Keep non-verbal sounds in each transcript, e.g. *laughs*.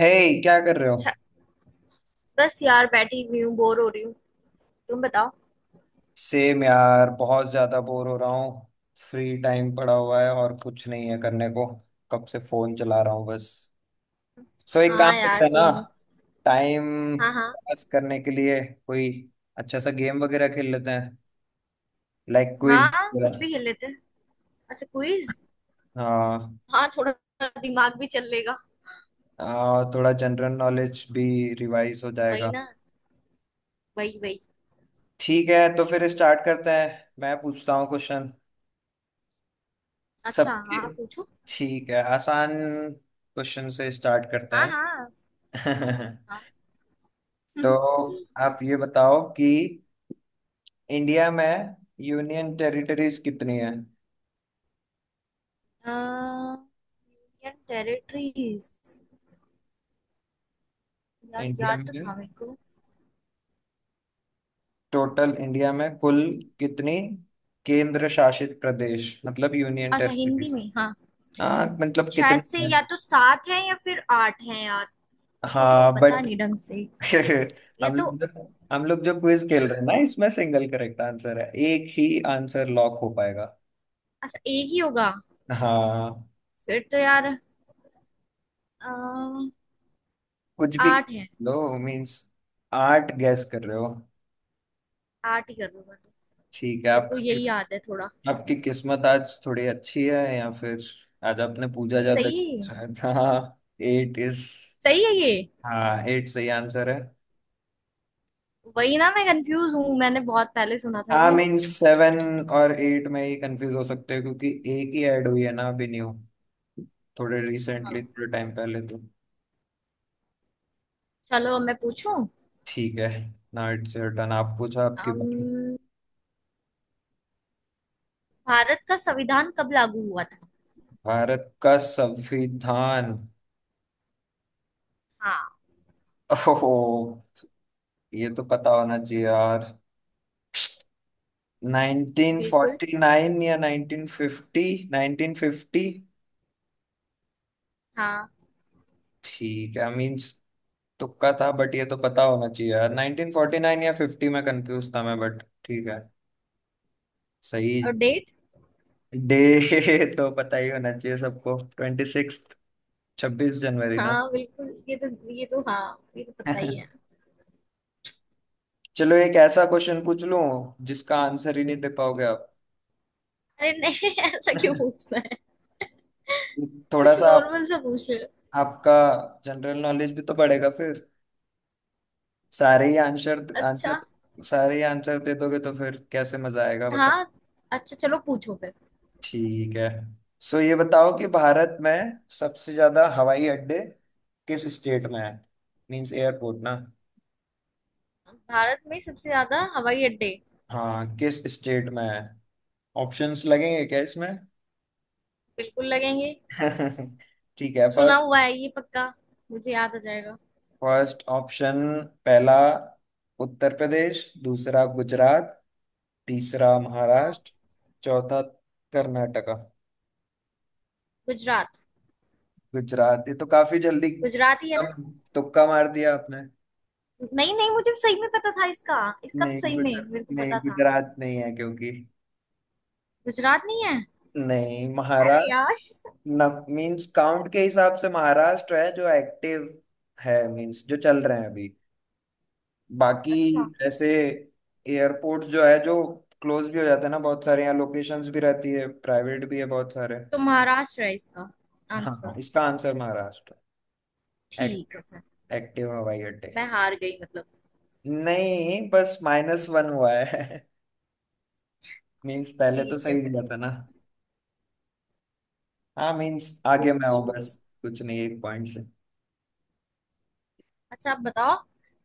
हे hey, क्या कर रहे हो? बस यार बैठी हुई हूँ बोर हो रही हूँ। तुम बताओ। सेम यार बहुत ज्यादा बोर हो रहा हूँ। फ्री टाइम पड़ा हुआ है और कुछ नहीं है करने को। कब से फोन चला रहा हूँ बस। सो एक हाँ काम करते यार हैं ना। सेम। टाइम हाँ हाँ। पास करने के लिए कोई अच्छा सा गेम वगैरह खेल लेते हैं। लाइक क्विज हाँ कुछ वगैरह। भी खेल लेते हैं। अच्छा क्विज। हाँ हाँ थोड़ा दिमाग भी चल लेगा। थोड़ा जनरल नॉलेज भी रिवाइज हो वही जाएगा। ना। वही वही। ठीक है तो फिर स्टार्ट करते हैं। मैं पूछता हूँ क्वेश्चन अच्छा सबके। हाँ पूछो। ठीक है आसान क्वेश्चन से स्टार्ट करते हाँ हाँ। हैं। *laughs* हाँ *laughs* तो यूनियन आप ये बताओ कि इंडिया में यूनियन टेरिटरीज कितनी है। टेरिटरीज। यार इंडिया याद तो में था मेरे को। टोटल इंडिया में कुल कितनी केंद्र शासित प्रदेश मतलब यूनियन अच्छा हिंदी टेरिटरीज। में हाँ। हाँ मतलब शायद से कितनी है? या तो सात है या फिर आठ है यार। मेरे को कुछ हाँ पता बट नहीं ढंग से। *laughs* या हम तो लोग जो हम लोग जो क्विज खेल रहे हैं ना इसमें सिंगल करेक्ट आंसर है एक ही। आंसर लॉक हो पाएगा। अच्छा एक ही होगा। हाँ फिर तो यार अ, कुछ भी आठ है। लो। मींस आठ गैस कर रहे हो? आठ ही करूंगा तो। ठीक है मेरे को आपका। यही याद है थोड़ा। आपकी किस्मत आज थोड़ी अच्छी है या फिर आज आपने पूजा ये ज्यादा। सही है ये? शायद हाँ। Eight is. सही है ये। हाँ एट सही आंसर है। वही ना मैं कंफ्यूज हूँ मैंने बहुत पहले सुना था हाँ ये। मीन सेवन और एट में ही कंफ्यूज हो सकते हैं क्योंकि एक ही ऐड हुई है ना अभी न्यू। थोड़े रिसेंटली हाँ। थोड़े टाइम पहले तो। चलो अब मैं पूछूं। ठीक है ना इट्स योर टर्न आप पूछा आपकी बारी। अम्म, भारत का संविधान कब लागू हुआ था। भारत का संविधान। हाँ ओहो। ये तो पता होना चाहिए यार। बिल्कुल। 1949 या 1950। 1950। हाँ। ठीक है मीन्स तुक्का था बट ये तो पता होना चाहिए यार 1949 या 50 में कंफ्यूज था मैं बट ठीक है। और सही। डेट। डे *laughs* तो पता ही होना चाहिए सबको 26 26 जनवरी ना। हाँ बिल्कुल ये तो हाँ ये तो पता ही है। *laughs* चलो एक ऐसा क्वेश्चन पूछ लूं जिसका आंसर ही नहीं दे पाओगे आप। अरे नहीं *laughs* ऐसा क्यों *laughs* पूछना है। थोड़ा कुछ सा आप। नॉर्मल सा पूछ रहे हो। आपका जनरल नॉलेज भी तो बढ़ेगा फिर। सारे ही आंसर अच्छा आंसर सारे ही आंसर दे दोगे तो फिर कैसे मजा आएगा। हाँ। अच्छा चलो पूछो फिर। ठीक है। सो ये बताओ कि भारत में सबसे ज्यादा हवाई अड्डे किस स्टेट में है मीन्स एयरपोर्ट ना। भारत में सबसे ज्यादा हवाई अड्डे। हाँ किस स्टेट में है? ऑप्शंस लगेंगे क्या इसमें? बिल्कुल लगेंगे। *laughs* ठीक है पर। सुना हुआ है ये पक्का। मुझे याद आ जाएगा। फर्स्ट ऑप्शन पहला उत्तर प्रदेश। दूसरा गुजरात। तीसरा हाँ महाराष्ट्र। चौथा कर्नाटका। गुजरात। गुजरात ये तो काफी जल्दी गुजरात ही है ना। एकदम। तुक्का मार दिया आपने। नहीं नहीं मुझे सही में पता था इसका। इसका तो नहीं सही गुजर में मेरे को नहीं पता था। गुजरात नहीं है क्योंकि। गुजरात नहीं है। नहीं अरे महाराष्ट्र। यार। न मींस काउंट के हिसाब से महाराष्ट्र है जो एक्टिव है मींस जो चल रहे हैं अभी बाकी। अच्छा। ऐसे एयरपोर्ट्स जो है जो क्लोज भी हो जाते हैं ना बहुत सारे यहाँ लोकेशंस भी रहती है प्राइवेट भी है बहुत सारे। तो महाराष्ट्र है इसका हाँ आंसर। इसका आंसर महाराष्ट्र। एक्ट, ठीक है फिर। एक्टिव हवाई अड्डे। मैं हार गई मतलब। नहीं बस माइनस वन हुआ है। *laughs* मींस पहले तो ठीक है सही फिर। दिया था ना। हाँ मींस आगे मैं ओके। हूँ बस। कुछ नहीं एक पॉइंट से। अच्छा आप बताओ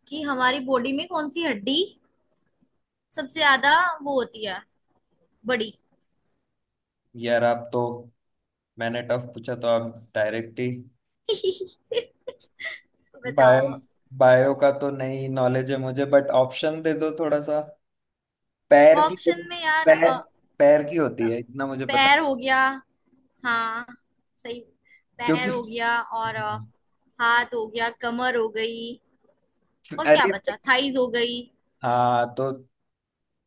कि हमारी बॉडी में कौन सी हड्डी सबसे ज्यादा वो होती है बड़ी। यार आप तो मैंने टफ पूछा तो आप डायरेक्ट ही। *laughs* बायो बताओ। बायो का तो नहीं नॉलेज है मुझे बट ऑप्शन दे दो थोड़ा सा। पैर की तो, ऑप्शन में यार पैर पैर की होती है इतना मुझे पता। पैर हो गया। हाँ सही। पैर क्योंकि हो गया और हाथ हो गया कमर हो गई और क्या अरे बचा थाइज हो गई। हाँ तो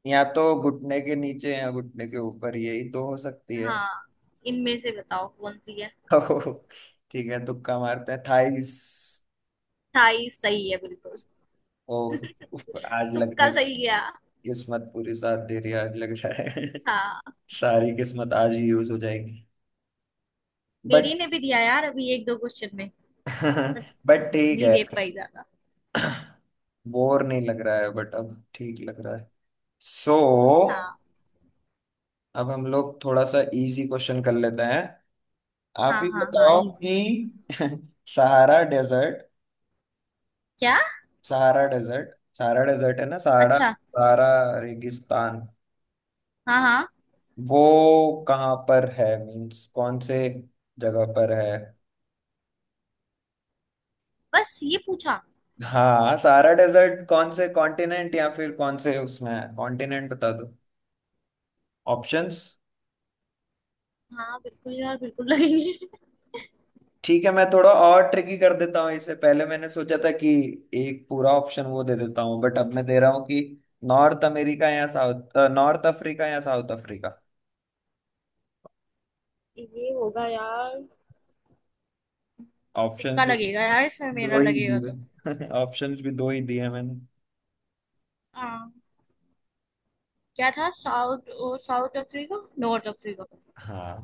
या तो घुटने के नीचे या घुटने के ऊपर यही तो हो सकती है। हाँ इनमें से बताओ कौन सी है। *laughs* ओह, ठीक है तुक्का मारते हैं थाइस। थाई सही है बिल्कुल। ओह उफ, आज लग तुक्का रहा है। सही गया। किस्मत पूरी साथ दे रही है आज लग रहा है। हाँ। *laughs* सारी किस्मत आज ही यूज हो जाएगी। मेरी बट ने भी दिया यार अभी एक दो क्वेश्चन में। पर *laughs* बट ठीक नहीं है। दे पाई ज्यादा। *clears throat* बोर नहीं लग रहा है बट अब ठीक लग रहा है। सो हाँ अब हम लोग थोड़ा सा इजी क्वेश्चन कर लेते हैं। आप हाँ ही हाँ हाँ बताओ इजी। कि *laughs* सहारा डेजर्ट क्या। सहारा डेजर्ट सहारा डेजर्ट है ना सहारा अच्छा। सहारा रेगिस्तान। हाँ हाँ। वो कहाँ पर है मीन्स कौन से जगह पर है? बस ये पूछा। हाँ सहारा डेजर्ट कौन से कॉन्टिनेंट या फिर कौन से उसमें है कॉन्टिनेंट बता दो। ऑप्शंस। हाँ बिल्कुल यार बिल्कुल लगेंगे। ठीक है मैं थोड़ा और ट्रिकी कर देता हूँ इसे पहले मैंने सोचा था कि एक पूरा ऑप्शन वो दे देता हूँ बट अब मैं दे रहा हूँ कि नॉर्थ अमेरिका या साउथ नॉर्थ अफ्रीका या साउथ अफ्रीका। *laughs* ये होगा यार। ऑप्शंस तुक्का भी लगेगा यार इसमें मेरा दो ही लगेगा तो। दिए। *laughs* ऑप्शंस भी दो ही दिए हैं मैंने। हाँ क्या था south south Africa North Africa. हाँ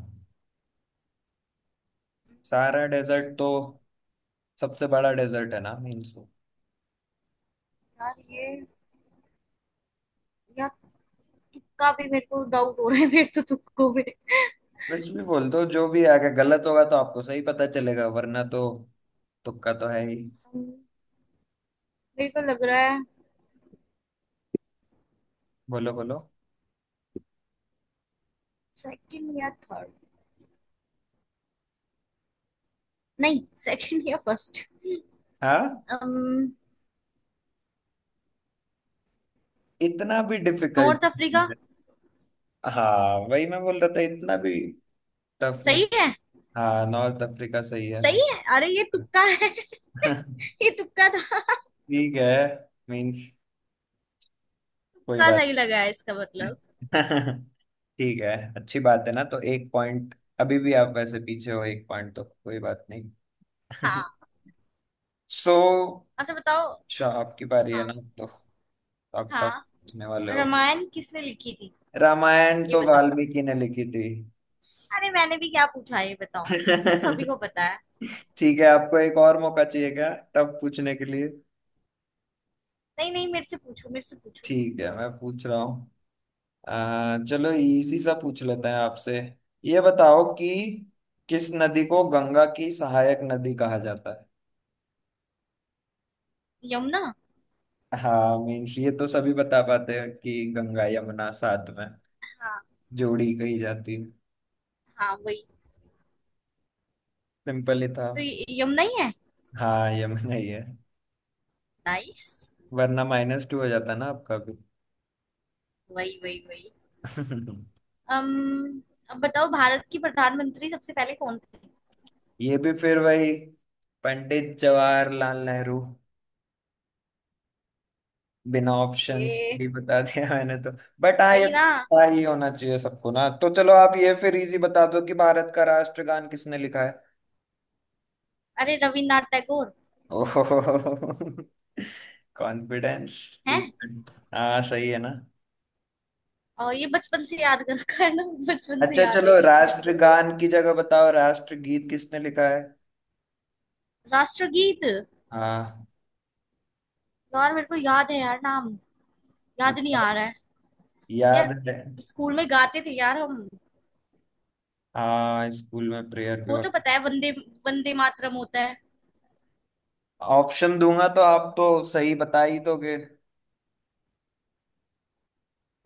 सारा डेजर्ट तो सबसे बड़ा डेजर्ट है ना मीन्स। यार ये यार तुक्का भी मेरे को डाउट हो रहा है मेरे तो तुक्कों में। कुछ भी बोल दो जो भी आगे गलत होगा तो आपको सही पता चलेगा वरना तो तुक्का तो है ही। अम, मेरे को लग रहा है बोलो बोलो। सेकंड या थर्ड नहीं सेकंड या फर्स्ट हाँ नॉर्थ इतना भी अफ्रीका डिफिकल्ट। हाँ वही मैं बोल रहा था इतना भी टफ नहीं। सही है। हाँ नॉर्थ अफ्रीका सही है। सही है अरे ये तुक्का है *laughs* *laughs* ये तुक्का था। ठीक है मीन्स कोई तुक्का बात सही लगा है इसका नहीं। मतलब। *laughs* ठीक है अच्छी बात है ना तो एक पॉइंट अभी भी आप वैसे पीछे हो एक पॉइंट तो कोई बात नहीं। *laughs* हाँ। सो अच्छा बताओ। अच्छा आपकी बारी है हाँ ना तो आप टफ हाँ। पूछने वाले हो। रामायण किसने लिखी थी रामायण ये तो बताओ। वाल्मीकि ने लिखी थी। अरे मैंने भी क्या पूछा है ये बताओ ये तो सभी को *laughs* पता है। ठीक है आपको एक और मौका चाहिए क्या टफ पूछने के लिए। नहीं नहीं मेरे से पूछो मेरे से पूछो। ठीक है मैं पूछ रहा हूँ। चलो इसी सा पूछ लेते हैं आपसे। ये बताओ कि किस नदी को गंगा की सहायक नदी कहा जाता यमुना। है। हाँ मीन्स ये तो सभी बता पाते हैं कि गंगा यमुना साथ में जोड़ी कही जाती है। हाँ वही। सिंपल ही था। तो यमुना ही है। हाँ यमुना ही है। नाइस। वरना माइनस टू हो जाता ना आपका भी। वही वही वही। अम्म अब बताओ भारत की प्रधानमंत्री सबसे पहले कौन *laughs* ये भी फिर वही पंडित जवाहरलाल नेहरू बिना ऑप्शंस थे। के ही बता दिया मैंने तो। बट हाँ ये वही तो ना। पता ही होना चाहिए सबको ना तो चलो आप ये फिर इजी बता दो कि भारत का राष्ट्रगान किसने लिखा है। अरे रविन्द्रनाथ टैगोर *laughs* ओहो कॉन्फिडेंस। हैं। ठीक है। हाँ सही है ना? और ये बचपन से याद कर रखा है ना। बचपन से अच्छा याद है चलो ये चीज तो। राष्ट्रगान की जगह बताओ राष्ट्रगीत किसने लिखा है? राष्ट्रगीत। हाँ यार मेरे को याद है यार नाम याद नहीं बताओ आ रहा है। यार याद है। स्कूल में गाते थे यार हम। हाँ स्कूल में प्रेयर के वो तो वक्त। पता है वंदे वंदे मातरम होता है। ऑप्शन दूंगा तो आप तो सही बता ही दोगे।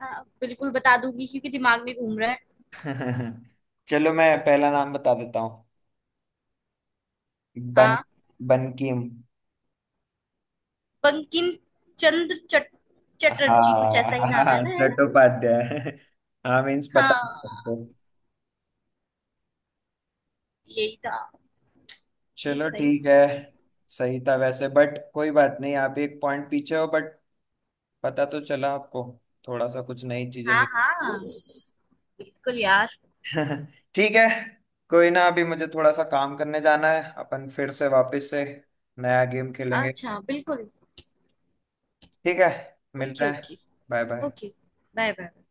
हाँ, बिल्कुल बता दूंगी क्योंकि दिमाग में घूम रहा है। *laughs* चलो मैं पहला नाम बता देता हूँ। बन हाँ। बनकीम। बंकिम चंद्र चटर्जी कुछ ऐसा ही हाँ नाम है हाँ ना है ना। चट्टोपाध्याय। हाँ मीन्स पता है सबको। हाँ। यही था। चलो नाइस नाइस। ठीक है। सही था वैसे बट कोई बात नहीं आप एक पॉइंट पीछे हो बट पता तो चला आपको थोड़ा सा कुछ नई चीजें हाँ मिली। हाँ बिल्कुल यार। *laughs* ठीक है। कोई ना अभी मुझे थोड़ा सा काम करने जाना है अपन फिर से वापस से नया गेम खेलेंगे। अच्छा बिल्कुल। ठीक है। मिलते ओके हैं। Okay. Bye bye. Okay. Bye bye.